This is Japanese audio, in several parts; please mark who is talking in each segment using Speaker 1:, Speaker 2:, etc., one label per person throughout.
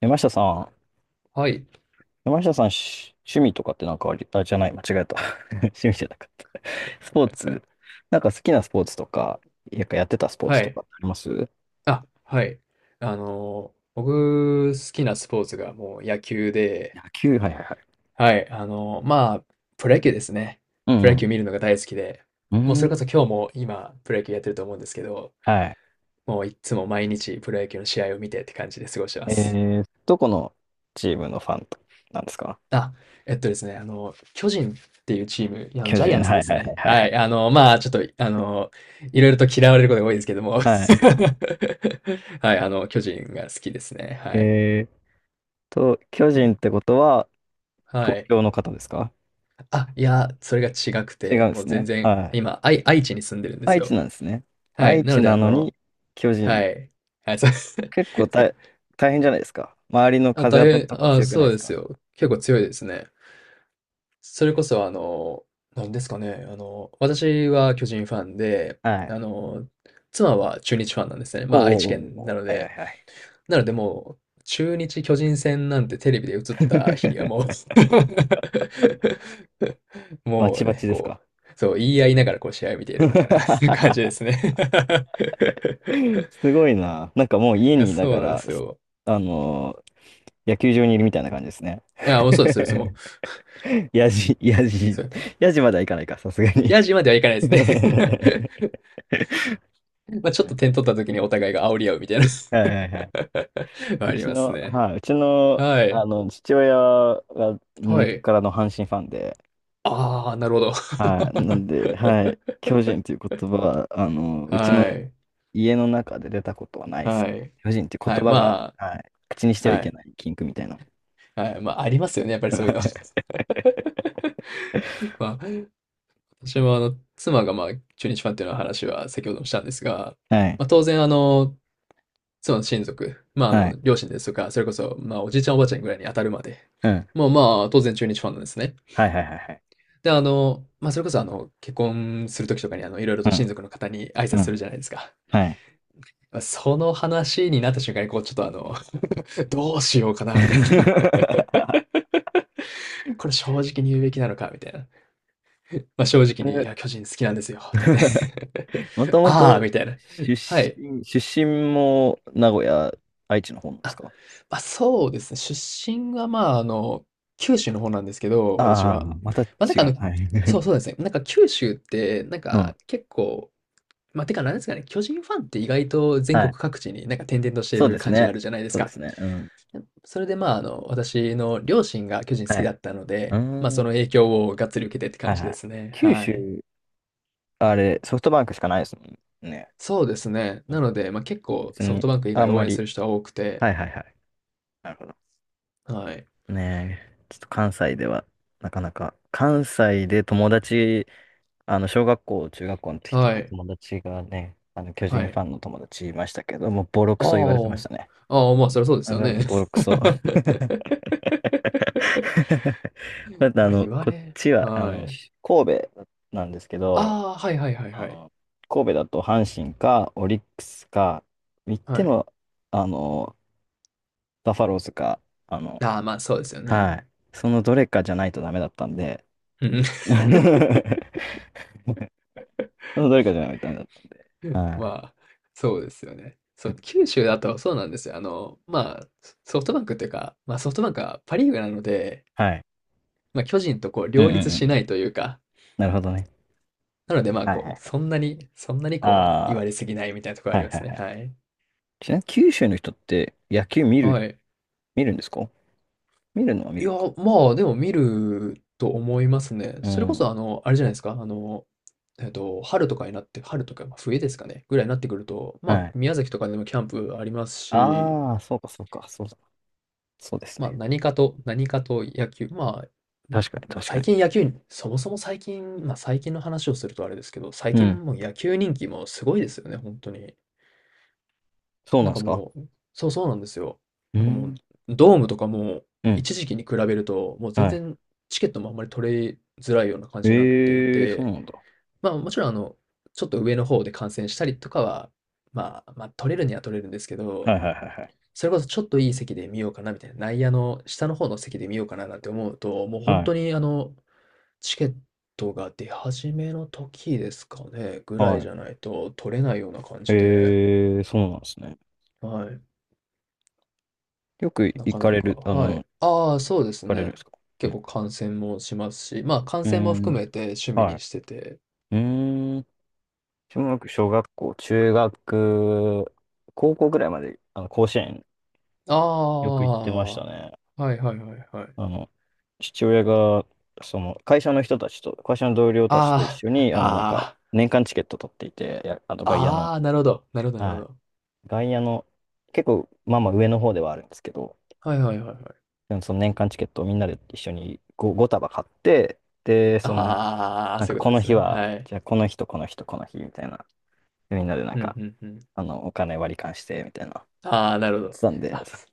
Speaker 1: 山下さん、
Speaker 2: はい。
Speaker 1: 山下さん、し趣味とかってなんかあり、あ、じゃない、間違えた。趣味じゃなかった。スポーツ、なんか好きなスポーツとか、やっぱやってたスポー
Speaker 2: は
Speaker 1: ツと
Speaker 2: い。
Speaker 1: かってあります？
Speaker 2: あ、はい。あの、僕、好きなスポーツがもう野球で、
Speaker 1: 野球、はいはいはい。
Speaker 2: はい。あの、まあ、プロ野球ですね。
Speaker 1: う
Speaker 2: プロ野球
Speaker 1: ん
Speaker 2: 見るのが大好きで、
Speaker 1: う
Speaker 2: もう
Speaker 1: ん。う
Speaker 2: そ
Speaker 1: ー
Speaker 2: れこそ
Speaker 1: ん。
Speaker 2: 今日も今、プロ野球やってると思うんですけど、
Speaker 1: はい。
Speaker 2: もういつも毎日プロ野球の試合を見てって感じで過ごしてま
Speaker 1: え
Speaker 2: す。
Speaker 1: ー、どこのチームのファンとなんですか？
Speaker 2: あ、えっとですね、あの、巨人っていうチーム、いやあの、
Speaker 1: 巨
Speaker 2: ジャイア
Speaker 1: 人。
Speaker 2: ンツ
Speaker 1: は
Speaker 2: で
Speaker 1: い
Speaker 2: す
Speaker 1: はいは
Speaker 2: ね。
Speaker 1: いはい
Speaker 2: は
Speaker 1: は
Speaker 2: い。
Speaker 1: い。
Speaker 2: あの、まあ、ちょっと、あの、いろいろと嫌われることが多いですけども。
Speaker 1: はい。
Speaker 2: はい。あの、巨人が好きですね。はい。
Speaker 1: えーと、巨人ってことは、
Speaker 2: は
Speaker 1: 東
Speaker 2: い。
Speaker 1: 京の方ですか？
Speaker 2: あ、いや、それが違く
Speaker 1: 違うん
Speaker 2: て、
Speaker 1: で
Speaker 2: もう
Speaker 1: す
Speaker 2: 全
Speaker 1: ね。
Speaker 2: 然、
Speaker 1: はい。
Speaker 2: 今、愛知に住んでるんです
Speaker 1: 愛知
Speaker 2: よ。
Speaker 1: なんですね。
Speaker 2: はい。
Speaker 1: 愛
Speaker 2: な
Speaker 1: 知
Speaker 2: ので、
Speaker 1: な
Speaker 2: あ
Speaker 1: の
Speaker 2: の、
Speaker 1: に、巨
Speaker 2: は
Speaker 1: 人。
Speaker 2: い。はい、そうです。
Speaker 1: 結構 大、大変じゃないですか。周りの
Speaker 2: あ、
Speaker 1: 風当たり
Speaker 2: 変、
Speaker 1: とか
Speaker 2: あ、
Speaker 1: 強くない
Speaker 2: そ
Speaker 1: で
Speaker 2: う
Speaker 1: す
Speaker 2: です
Speaker 1: か。
Speaker 2: よ。結構強いですね。それこそ、あの、なんですかね、あの、私は巨人ファンで、
Speaker 1: は
Speaker 2: あ
Speaker 1: い。
Speaker 2: の、妻は中日ファンなんですね。ま
Speaker 1: お
Speaker 2: あ、
Speaker 1: う
Speaker 2: 愛
Speaker 1: おう
Speaker 2: 知
Speaker 1: おう
Speaker 2: 県
Speaker 1: お
Speaker 2: な
Speaker 1: う。
Speaker 2: の
Speaker 1: はいはい
Speaker 2: で、
Speaker 1: はい。
Speaker 2: なのでもう、中日巨人戦なんてテレビで映った日には もう
Speaker 1: バ
Speaker 2: も
Speaker 1: チ
Speaker 2: う
Speaker 1: バ
Speaker 2: ね、
Speaker 1: チです
Speaker 2: こ
Speaker 1: か？
Speaker 2: う、そう、言い合いながらこう試合を見ているみたいな 感じで すね。
Speaker 1: すごいな。なんかもう
Speaker 2: い
Speaker 1: 家
Speaker 2: や、
Speaker 1: にいな
Speaker 2: そう
Speaker 1: が
Speaker 2: なんで
Speaker 1: ら、
Speaker 2: すよ。
Speaker 1: あのー野球場にいるみたいな感じですね。
Speaker 2: あ、もうそうです、そうです、もう。
Speaker 1: やじ、やじ、
Speaker 2: そう。
Speaker 1: やじまではいかないか、さすがに。
Speaker 2: ヤジまではいかな いです
Speaker 1: 面
Speaker 2: ね。 まあちょ
Speaker 1: 白
Speaker 2: っ
Speaker 1: い。
Speaker 2: と 点取った時にお互いが煽り合うみたいな。
Speaker 1: は いはいはい。う
Speaker 2: あり
Speaker 1: ち
Speaker 2: ます
Speaker 1: の、
Speaker 2: ね。
Speaker 1: はい、うちの、
Speaker 2: は
Speaker 1: あ
Speaker 2: い。
Speaker 1: の、父親が根
Speaker 2: は
Speaker 1: っ
Speaker 2: い。
Speaker 1: からの阪神ファンで、
Speaker 2: ああ、なるほど。
Speaker 1: は い。なんで、はい。巨人という言葉は、あの、うち
Speaker 2: は
Speaker 1: の
Speaker 2: い。
Speaker 1: 家の中で出たことはないです
Speaker 2: は
Speaker 1: ね。
Speaker 2: い。
Speaker 1: 巨人という
Speaker 2: はい。
Speaker 1: 言葉
Speaker 2: ま
Speaker 1: が、
Speaker 2: あ、
Speaker 1: はい。口にしては
Speaker 2: は
Speaker 1: いけ
Speaker 2: い。
Speaker 1: ない禁句みたいな。
Speaker 2: はい。まあ、ありますよね。やっぱりそういうの。まあ、私もあの、妻がまあ、中日ファンっていうのは話は先ほどもしたんですが、
Speaker 1: はい。
Speaker 2: まあ、当然あの、妻の親族、まあ、あ
Speaker 1: はい。
Speaker 2: の、両親ですとか、それこそ、まあ、おじいちゃんおばあちゃんぐらいに当たるまで、
Speaker 1: うん。
Speaker 2: もうまあ、当然中日ファンなんですね。
Speaker 1: はいはいはいはい。
Speaker 2: で、あの、まあ、それこそあの、結婚するときとかにあの、いろいろと親族の方に挨
Speaker 1: う
Speaker 2: 拶
Speaker 1: ん。う
Speaker 2: す
Speaker 1: ん。
Speaker 2: るじゃないですか。
Speaker 1: はい。
Speaker 2: まあその話になった瞬間に、こう、ちょっとあの、どうしようかな、みたいな。これ正直に言うべきなのかみたいな。まあ、正直に、いや、巨人好きなんですよって言って
Speaker 1: もと も
Speaker 2: ああ、
Speaker 1: と
Speaker 2: みたいな。はい。
Speaker 1: 出身も名古屋、愛知の方なんです
Speaker 2: あ、
Speaker 1: か？
Speaker 2: まあ、そうですね。出身は、まあ、あの、九州の方なんですけど、私
Speaker 1: ああ、
Speaker 2: は。
Speaker 1: また違
Speaker 2: まあ、なんかあ
Speaker 1: う。
Speaker 2: の、
Speaker 1: はい。
Speaker 2: そ うですね。なんか九州って、なん
Speaker 1: う
Speaker 2: か
Speaker 1: ん。
Speaker 2: 結構、まあ、てかなんですかね、巨人ファンって意外と全
Speaker 1: は
Speaker 2: 国
Speaker 1: い。
Speaker 2: 各地になんか点々としてい
Speaker 1: そう
Speaker 2: る
Speaker 1: です
Speaker 2: 感じ
Speaker 1: ね。
Speaker 2: あるじゃないです
Speaker 1: そうで
Speaker 2: か。
Speaker 1: すね。うん。
Speaker 2: それでまあ、あの、私の両親が巨人好
Speaker 1: は
Speaker 2: き
Speaker 1: い。
Speaker 2: だったの
Speaker 1: うー
Speaker 2: で、まあ、そ
Speaker 1: ん。
Speaker 2: の影響をがっつり受けてって
Speaker 1: は
Speaker 2: 感
Speaker 1: い
Speaker 2: じ
Speaker 1: は
Speaker 2: で
Speaker 1: い。
Speaker 2: すね。
Speaker 1: 九
Speaker 2: は
Speaker 1: 州、
Speaker 2: い。
Speaker 1: あれ、ソフトバンクしかないですもんね。
Speaker 2: そうですね。
Speaker 1: うん。
Speaker 2: なので、まあ、結構
Speaker 1: 別
Speaker 2: ソフ
Speaker 1: に、
Speaker 2: トバンク以
Speaker 1: あ
Speaker 2: 外
Speaker 1: んま
Speaker 2: 応援す
Speaker 1: り。
Speaker 2: る人は多くて、
Speaker 1: はいはいはい。なるほど。
Speaker 2: はい。
Speaker 1: ねえ、ちょっと関西では、なかなか、関西で友達、あの、小学校、中学校の時と
Speaker 2: は
Speaker 1: か、
Speaker 2: い。
Speaker 1: 友達がね、あの、巨
Speaker 2: は
Speaker 1: 人フ
Speaker 2: い。
Speaker 1: ァンの友達いましたけど、もうボロクソ言われてまし
Speaker 2: あ
Speaker 1: たね。
Speaker 2: あ。ああ、まあ、そりゃそうです
Speaker 1: あ
Speaker 2: よ
Speaker 1: の、
Speaker 2: ね。
Speaker 1: ボロクソ。だってあ
Speaker 2: ま、あ
Speaker 1: の、
Speaker 2: 言わ
Speaker 1: こっ
Speaker 2: れ
Speaker 1: ちは、あ
Speaker 2: は
Speaker 1: の、
Speaker 2: い。
Speaker 1: 神戸なんですけど、
Speaker 2: ああ、はいはいはい
Speaker 1: あ
Speaker 2: はい。
Speaker 1: の、神戸だと阪神か、オリックスか、言って
Speaker 2: はい。
Speaker 1: も、あの、バファローズか、あの、
Speaker 2: ああ、まあ、そうですよ
Speaker 1: はい。
Speaker 2: ね。
Speaker 1: そのどれかじゃないとダメだったんで、
Speaker 2: うん。
Speaker 1: そのどれかじゃないとダメだった。は
Speaker 2: ま
Speaker 1: い。
Speaker 2: あ、そうですよね。そう、九州だとそうなんですよ。あの、まあ、ソフトバンクっていうか、まあ、ソフトバンクはパ・リーグなので、
Speaker 1: はい。
Speaker 2: まあ、巨人とこう
Speaker 1: うんう
Speaker 2: 両
Speaker 1: ん
Speaker 2: 立
Speaker 1: うんう
Speaker 2: しな
Speaker 1: ん。
Speaker 2: いというか、
Speaker 1: なるほどね。
Speaker 2: なので、まあ、
Speaker 1: はいは
Speaker 2: こう、
Speaker 1: い。
Speaker 2: そんなにこう、あの、言
Speaker 1: あ
Speaker 2: われすぎないみたいなところ
Speaker 1: あ、
Speaker 2: あ
Speaker 1: は
Speaker 2: り
Speaker 1: い
Speaker 2: ま
Speaker 1: は
Speaker 2: す
Speaker 1: いは
Speaker 2: ね。
Speaker 1: い。
Speaker 2: はい。
Speaker 1: ちなみに九州の人って野球見る、
Speaker 2: はい。
Speaker 1: 見るんですか？見るのは見
Speaker 2: い
Speaker 1: る
Speaker 2: や、
Speaker 1: のか。
Speaker 2: まあ、でも見ると思いますね。
Speaker 1: う
Speaker 2: それこそ、
Speaker 1: ん。
Speaker 2: あの、あれじゃないですか、あの、えっと、春とかになって、春とか、ま、冬ですかね、ぐらいになってくると、まあ、
Speaker 1: はい。
Speaker 2: 宮崎とかでもキャンプありますし、
Speaker 1: ああ、そうかそうか、そうだ。そうです
Speaker 2: まあ、
Speaker 1: ね。
Speaker 2: 何かと野球、まあ、
Speaker 1: 確かに
Speaker 2: まあ、
Speaker 1: 確か
Speaker 2: 最
Speaker 1: に。
Speaker 2: 近野球そもそも最近、まあ、最近の話をするとあれですけど、最
Speaker 1: うん。
Speaker 2: 近もう野球人気もすごいですよね、本当に。
Speaker 1: そうな
Speaker 2: な
Speaker 1: ん
Speaker 2: ん
Speaker 1: で
Speaker 2: か
Speaker 1: すか？
Speaker 2: もう、そう、そうなんですよ。
Speaker 1: う
Speaker 2: なんかもう、
Speaker 1: ん。
Speaker 2: ドームとかも、
Speaker 1: うん。
Speaker 2: 一時期に比べると、もう全
Speaker 1: はい。
Speaker 2: 然チケットもあんまり取れづらいような感じになってい
Speaker 1: ええ、そう
Speaker 2: て、
Speaker 1: なんだ。
Speaker 2: まあ、もちろんあの、ちょっと上の方で観戦したりとかは、まあ、ま、取れるには取れるんですけ
Speaker 1: は
Speaker 2: ど、
Speaker 1: いはいはい
Speaker 2: それこそちょっといい席で見ようかなみたいな、内野の下の方の席で見ようかななんて思うと、もう
Speaker 1: はい。
Speaker 2: 本
Speaker 1: は
Speaker 2: 当に
Speaker 1: い。
Speaker 2: あの、チケットが出始めの時ですかね、ぐらい
Speaker 1: はい。
Speaker 2: じゃないと取れないような感じで、
Speaker 1: ええ、そうなんですね。
Speaker 2: はい。
Speaker 1: よく
Speaker 2: な
Speaker 1: 行
Speaker 2: か
Speaker 1: か
Speaker 2: な
Speaker 1: れ
Speaker 2: か、
Speaker 1: る、あ
Speaker 2: は
Speaker 1: の、行
Speaker 2: い。ああ、そうです
Speaker 1: かれるん
Speaker 2: ね。
Speaker 1: ですか？う
Speaker 2: 結
Speaker 1: ん。
Speaker 2: 構観戦もしますし、まあ、観
Speaker 1: う
Speaker 2: 戦
Speaker 1: ー
Speaker 2: も
Speaker 1: ん。
Speaker 2: 含めて趣味
Speaker 1: は
Speaker 2: に
Speaker 1: い。
Speaker 2: してて。
Speaker 1: うーん。小学校、中学、高校ぐらいまで、あの、甲子園
Speaker 2: あ
Speaker 1: よく行ってま
Speaker 2: あ、
Speaker 1: した
Speaker 2: は
Speaker 1: ね。
Speaker 2: いはいはいはい。
Speaker 1: あの、父親が、その、会社の同僚たちと一
Speaker 2: あ
Speaker 1: 緒
Speaker 2: あ、
Speaker 1: に、あの、なんか、
Speaker 2: あ
Speaker 1: 年間チケット取っていて、や、あの、外野
Speaker 2: あ、あ
Speaker 1: の、
Speaker 2: あ、なるほど。なるほど、なるほ
Speaker 1: はい。
Speaker 2: ど。
Speaker 1: 外野の、結構、まあまあ上の方ではあるんですけど、
Speaker 2: はいはいはいはい。
Speaker 1: でもその年間チケットをみんなで一緒に 5, 束買って、で、その、
Speaker 2: ああ、
Speaker 1: なん
Speaker 2: そ
Speaker 1: か
Speaker 2: ういうこ
Speaker 1: こ
Speaker 2: とで
Speaker 1: の
Speaker 2: す
Speaker 1: 日
Speaker 2: ね。
Speaker 1: は、
Speaker 2: はい。
Speaker 1: じゃあこの日とこの日とこの日みたいな。でみんなでなん
Speaker 2: うん、
Speaker 1: か、
Speaker 2: うん、うん。
Speaker 1: あの、お金割り勘してみたいな。
Speaker 2: ああ、なるほ
Speaker 1: やって
Speaker 2: ど。
Speaker 1: たんで、
Speaker 2: あ、そ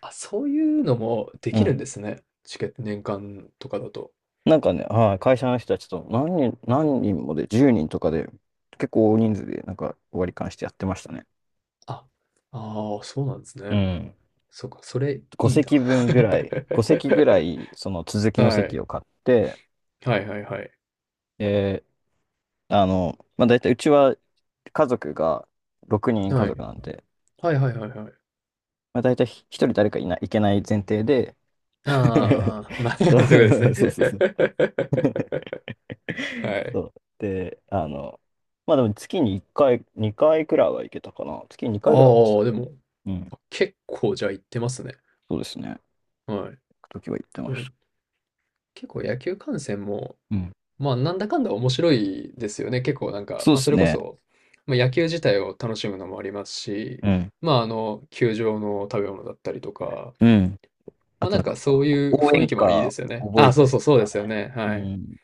Speaker 2: あ、そういうのもで
Speaker 1: う
Speaker 2: きる
Speaker 1: ん。
Speaker 2: んですね。チケット年間とかだと。
Speaker 1: なんかね、はい、会社の人たちと何人、何人もで、10人とかで、結構大人数でなんか割り勘してやってましたね。
Speaker 2: あ、ああ、そうなんです
Speaker 1: う
Speaker 2: ね。
Speaker 1: ん。
Speaker 2: そうか、それ
Speaker 1: 5
Speaker 2: いいな。
Speaker 1: 席 分ぐらい、5席ぐらい、その続きの
Speaker 2: は
Speaker 1: 席
Speaker 2: い。
Speaker 1: を買って、
Speaker 2: はいはいはい。
Speaker 1: で、あの、まあ、大体うちは家族が6人家
Speaker 2: は
Speaker 1: 族
Speaker 2: い。
Speaker 1: なんで、
Speaker 2: はいはいはいはい。
Speaker 1: まあ、大体一人誰かいけない前提で。
Speaker 2: ああ、まあ、そういう
Speaker 1: そ
Speaker 2: ことです
Speaker 1: う。 そう
Speaker 2: ね。
Speaker 1: そうそう。
Speaker 2: は
Speaker 1: そ
Speaker 2: い。
Speaker 1: う。で、あの、まあでも月に1回、2回くらいは行けたかな。月に
Speaker 2: あ
Speaker 1: 2回くらいでした。
Speaker 2: あ、でも、
Speaker 1: うん。
Speaker 2: 結構じゃあ行ってますね。
Speaker 1: そうですね。行
Speaker 2: は
Speaker 1: くときは行って
Speaker 2: い。で
Speaker 1: ま
Speaker 2: も、
Speaker 1: した。
Speaker 2: 結構野球観戦も、
Speaker 1: うん。
Speaker 2: まあ、なんだかんだ面白いですよね。結構なんか、
Speaker 1: そう
Speaker 2: ま
Speaker 1: で
Speaker 2: あ、そ
Speaker 1: す
Speaker 2: れこ
Speaker 1: ね。
Speaker 2: そ、まあ、野球自体を楽しむのもありますし、
Speaker 1: うん。
Speaker 2: まあ、あの、球場の食べ物だったりとか、
Speaker 1: うん。
Speaker 2: ま
Speaker 1: あ
Speaker 2: あ、
Speaker 1: と
Speaker 2: な
Speaker 1: な
Speaker 2: ん
Speaker 1: ん
Speaker 2: か
Speaker 1: か、
Speaker 2: そういう
Speaker 1: 応
Speaker 2: 雰
Speaker 1: 援
Speaker 2: 囲気もいいで
Speaker 1: 歌
Speaker 2: すよね。
Speaker 1: 覚
Speaker 2: あ
Speaker 1: え
Speaker 2: あ、
Speaker 1: たりと
Speaker 2: そうで
Speaker 1: か
Speaker 2: すよね。
Speaker 1: ね。
Speaker 2: はい。
Speaker 1: うん。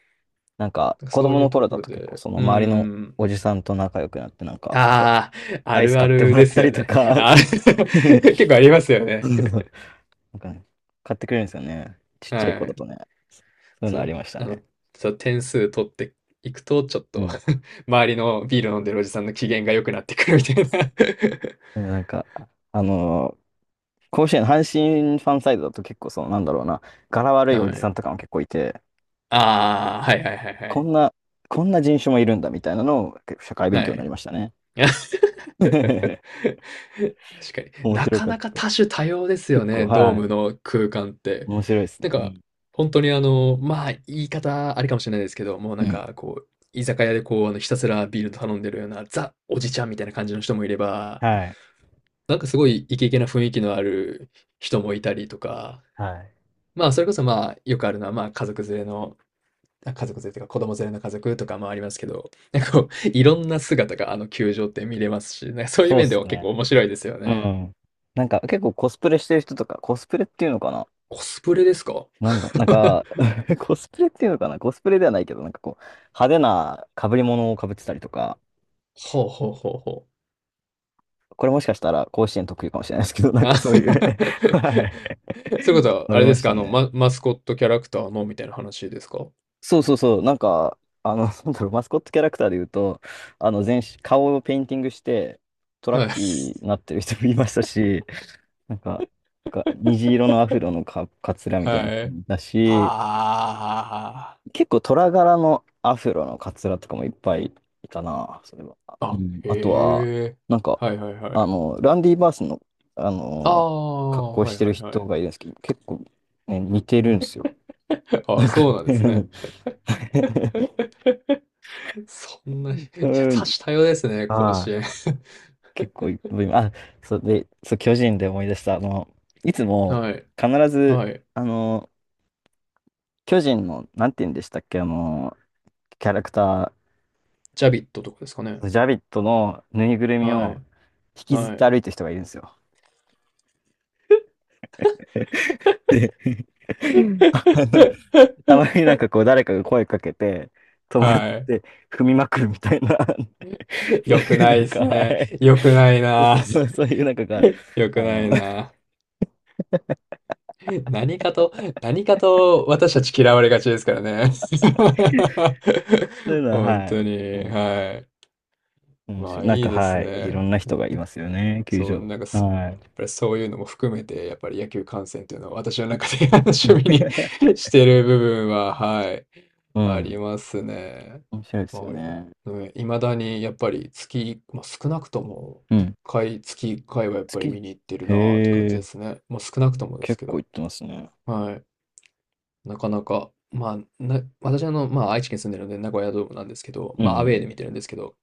Speaker 1: なんか、
Speaker 2: なんか
Speaker 1: 子
Speaker 2: そう
Speaker 1: 供
Speaker 2: い
Speaker 1: の
Speaker 2: うと
Speaker 1: 頃
Speaker 2: こ
Speaker 1: だ
Speaker 2: ろ
Speaker 1: と結構
Speaker 2: で、
Speaker 1: その
Speaker 2: うー
Speaker 1: 周りの
Speaker 2: ん。
Speaker 1: おじさんと仲良くなって、なんか、
Speaker 2: ああ、あ
Speaker 1: アイス
Speaker 2: るあ
Speaker 1: 買って
Speaker 2: る
Speaker 1: もら
Speaker 2: で
Speaker 1: っ
Speaker 2: す
Speaker 1: た
Speaker 2: よ
Speaker 1: りと
Speaker 2: ね。
Speaker 1: か、
Speaker 2: あ、
Speaker 1: そう。
Speaker 2: 結構ありますよね。
Speaker 1: なんかね、買ってくれるんですよね。ちっちゃい子
Speaker 2: は
Speaker 1: だとね。
Speaker 2: い。
Speaker 1: そういう
Speaker 2: そ
Speaker 1: のあり
Speaker 2: う、
Speaker 1: ました
Speaker 2: あの、
Speaker 1: ね。
Speaker 2: そう、点数取っていくと、ちょっ
Speaker 1: う
Speaker 2: と
Speaker 1: ん。
Speaker 2: 周りのビール飲んでるおじさんの機嫌が良くなってくるみ
Speaker 1: そ
Speaker 2: たい
Speaker 1: うそう、でなんか、あのー甲子園、阪神ファンサイドだと結構その、なんだろうな、柄悪い
Speaker 2: な。
Speaker 1: お
Speaker 2: は
Speaker 1: じさ
Speaker 2: い。
Speaker 1: んとかも結構いて、
Speaker 2: ああ、はいはいはいは
Speaker 1: こ
Speaker 2: い。
Speaker 1: んな、こんな人種もいるんだみたいなのを結構社会勉
Speaker 2: は
Speaker 1: 強になり
Speaker 2: い。
Speaker 1: ましたね。
Speaker 2: 確かに。
Speaker 1: 面
Speaker 2: な
Speaker 1: 白
Speaker 2: か
Speaker 1: かっ
Speaker 2: なか
Speaker 1: た。
Speaker 2: 多種多様ですよ
Speaker 1: 結構、
Speaker 2: ね、ドー
Speaker 1: はい。
Speaker 2: ムの空間って。
Speaker 1: 面白いです
Speaker 2: なん
Speaker 1: ね。う
Speaker 2: か、本当にあの、まあ、言い方あれかもしれないですけど、もう
Speaker 1: ん。
Speaker 2: な
Speaker 1: う
Speaker 2: んか
Speaker 1: ん。
Speaker 2: こう、居酒屋でこう、あの、ひたすらビール頼んでるような、ザ・おじちゃんみたいな感じの人もいれば、
Speaker 1: はい。
Speaker 2: なんかすごいイケイケな雰囲気のある人もいたりとか、
Speaker 1: はい。
Speaker 2: まあ、それこそ、まあ、よくあるのは、まあ、家族連れのあ、家族連れというか、子供連れの家族とかもありますけど、なんかこう、いろんな姿があの球場って見れますし、なんかそういう
Speaker 1: そう
Speaker 2: 面
Speaker 1: で
Speaker 2: で
Speaker 1: す
Speaker 2: は結
Speaker 1: ね。
Speaker 2: 構面白いですよ
Speaker 1: う
Speaker 2: ね。
Speaker 1: ん。なんか結構コスプレしてる人とか、コスプレっていうのかな？
Speaker 2: コスプレですか？
Speaker 1: なんだ、なんか、コスプレっていうのかな？コスプレではないけど、なんかこう、派手な被り物を被ってたりとか、
Speaker 2: ほうほうほうほう。
Speaker 1: これもしかしたら甲子園特有かもしれないですけど、なん
Speaker 2: あ、
Speaker 1: かそう
Speaker 2: そうい
Speaker 1: いう。 はい、
Speaker 2: うことは
Speaker 1: あ
Speaker 2: あ
Speaker 1: り
Speaker 2: れ
Speaker 1: ま
Speaker 2: です
Speaker 1: し
Speaker 2: か、
Speaker 1: た
Speaker 2: あの、
Speaker 1: ね。
Speaker 2: ママスコットキャラクターのみたいな話ですか？
Speaker 1: そうそうそう、なんか、あの、なんだろう、マスコットキャラクターで言うと、あの、全身、顔をペインティングして、トラッ
Speaker 2: はい。
Speaker 1: キ ーになってる人もいましたし、なんか、なんか虹色のアフロのか、かつらみたいな
Speaker 2: は
Speaker 1: 人
Speaker 2: い。
Speaker 1: もいたし、
Speaker 2: あ
Speaker 1: 結構虎柄のアフロのカツラとかもいっぱいいたな、それは。
Speaker 2: あ、
Speaker 1: う
Speaker 2: あ、
Speaker 1: ん。あとは、
Speaker 2: へえ。
Speaker 1: なんか、
Speaker 2: はいはいは
Speaker 1: あ
Speaker 2: い。
Speaker 1: の、ランディ・バースの、あ
Speaker 2: あ
Speaker 1: の、格
Speaker 2: あ、
Speaker 1: 好
Speaker 2: は
Speaker 1: し
Speaker 2: い
Speaker 1: てる
Speaker 2: はいは
Speaker 1: 人
Speaker 2: い。
Speaker 1: がいるんですけど、結構、ね、似てるんですよ。
Speaker 2: ああ、そうなんですね。そんな、い
Speaker 1: う
Speaker 2: や、多
Speaker 1: ん。
Speaker 2: 種多様ですね、甲
Speaker 1: あ
Speaker 2: 子
Speaker 1: あ、
Speaker 2: 園。
Speaker 1: 結構いっぱい、あ、そうで、そう、巨人で思い出した、あの、いつ も、
Speaker 2: はい、
Speaker 1: 必ず、
Speaker 2: はい。
Speaker 1: あの、巨人の、なんて言うんでしたっけ、あの、キャラクター、
Speaker 2: ジャビットとかですかね。
Speaker 1: ジャビットのぬいぐるみ
Speaker 2: は
Speaker 1: を
Speaker 2: い、
Speaker 1: 引きずっ
Speaker 2: は
Speaker 1: て
Speaker 2: い。
Speaker 1: 歩いてる人がいるんですよ。で、あの、たまに なんかこう誰かが声かけて、止まっ
Speaker 2: はい。
Speaker 1: て踏みまくるみたいな、そう
Speaker 2: 良く
Speaker 1: いう
Speaker 2: な
Speaker 1: な
Speaker 2: い
Speaker 1: ん
Speaker 2: で
Speaker 1: か、
Speaker 2: す
Speaker 1: は
Speaker 2: ね。
Speaker 1: い。
Speaker 2: 良くない
Speaker 1: そ
Speaker 2: な。
Speaker 1: うそうそう いうなんかが、
Speaker 2: 良く
Speaker 1: あ
Speaker 2: な
Speaker 1: の、
Speaker 2: いな。何かと、何かと私たち嫌われがちですからね。
Speaker 1: そういうの は、
Speaker 2: 本
Speaker 1: はい。
Speaker 2: 当に。
Speaker 1: もう
Speaker 2: はい。
Speaker 1: 面
Speaker 2: ま
Speaker 1: 白い。
Speaker 2: あ
Speaker 1: なん
Speaker 2: いい
Speaker 1: か、
Speaker 2: です
Speaker 1: はい。いろ
Speaker 2: ね。
Speaker 1: んな人がいますよね、球
Speaker 2: そう、
Speaker 1: 場。
Speaker 2: なんかそ、
Speaker 1: はい。
Speaker 2: やっぱりそういうのも含めて、やっぱり野球観戦というのは私の中で 趣味に してる部分は、はい、
Speaker 1: う
Speaker 2: あり
Speaker 1: ん。
Speaker 2: ますね。
Speaker 1: 面白いですよ
Speaker 2: はい。
Speaker 1: ね。
Speaker 2: いまだにやっぱりまあ、少なくとも
Speaker 1: う
Speaker 2: 1
Speaker 1: ん。
Speaker 2: 回、月1回はやっぱり
Speaker 1: 月。
Speaker 2: 見に行ってるなーって感
Speaker 1: へ
Speaker 2: じで
Speaker 1: え、
Speaker 2: すね。もう少なくともです
Speaker 1: 結
Speaker 2: け
Speaker 1: 構
Speaker 2: ど。
Speaker 1: 行ってますね。
Speaker 2: はい。なかなか、まあ、私あの、まあ、愛知県住んでるので名古屋ドームなんですけど、
Speaker 1: う
Speaker 2: まあ、アウェーで
Speaker 1: ん。
Speaker 2: 見てるんですけど、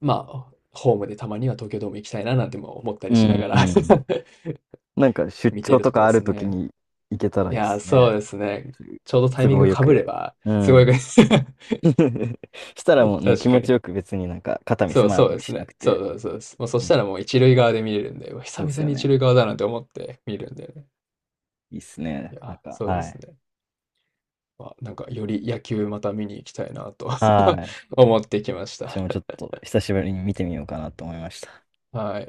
Speaker 2: まあ、ホームでたまには東京ドーム行きたいななんても思った
Speaker 1: う
Speaker 2: りしな
Speaker 1: ん。
Speaker 2: が
Speaker 1: う
Speaker 2: ら
Speaker 1: ん。なんか出
Speaker 2: 見てい
Speaker 1: 張
Speaker 2: る
Speaker 1: と
Speaker 2: とこ
Speaker 1: か
Speaker 2: ろで
Speaker 1: ある
Speaker 2: す
Speaker 1: とき
Speaker 2: ね。
Speaker 1: に行けたら
Speaker 2: い
Speaker 1: いいで
Speaker 2: やー、
Speaker 1: す
Speaker 2: そ
Speaker 1: ね。
Speaker 2: うですね。ちょうどタイ
Speaker 1: 都
Speaker 2: ミング
Speaker 1: 合よ
Speaker 2: 被れ
Speaker 1: く。
Speaker 2: ば、
Speaker 1: う
Speaker 2: すごいで
Speaker 1: ん。
Speaker 2: す。
Speaker 1: したらもうね、気
Speaker 2: 確か
Speaker 1: 持ち
Speaker 2: に。
Speaker 1: よく別になんか肩身
Speaker 2: そう、
Speaker 1: 狭い
Speaker 2: そうで
Speaker 1: 思い
Speaker 2: す
Speaker 1: しな
Speaker 2: ね。
Speaker 1: く
Speaker 2: そう
Speaker 1: て。
Speaker 2: そうそうです。もうそした
Speaker 1: ね、
Speaker 2: らもう一塁側で見れるんで、うわ
Speaker 1: そ
Speaker 2: 久
Speaker 1: うです
Speaker 2: 々
Speaker 1: よ
Speaker 2: に一
Speaker 1: ね。
Speaker 2: 塁側だなんて思って見るんでね。
Speaker 1: いいっす
Speaker 2: い
Speaker 1: ね。なん
Speaker 2: や、
Speaker 1: か、
Speaker 2: そうで
Speaker 1: は
Speaker 2: す
Speaker 1: い。
Speaker 2: ね。まあ、なんかより野球また見に行きたいなと
Speaker 1: はい。
Speaker 2: 思ってきまし
Speaker 1: 私
Speaker 2: た。
Speaker 1: もちょっと久しぶりに見てみようかなと思いました。
Speaker 2: はい。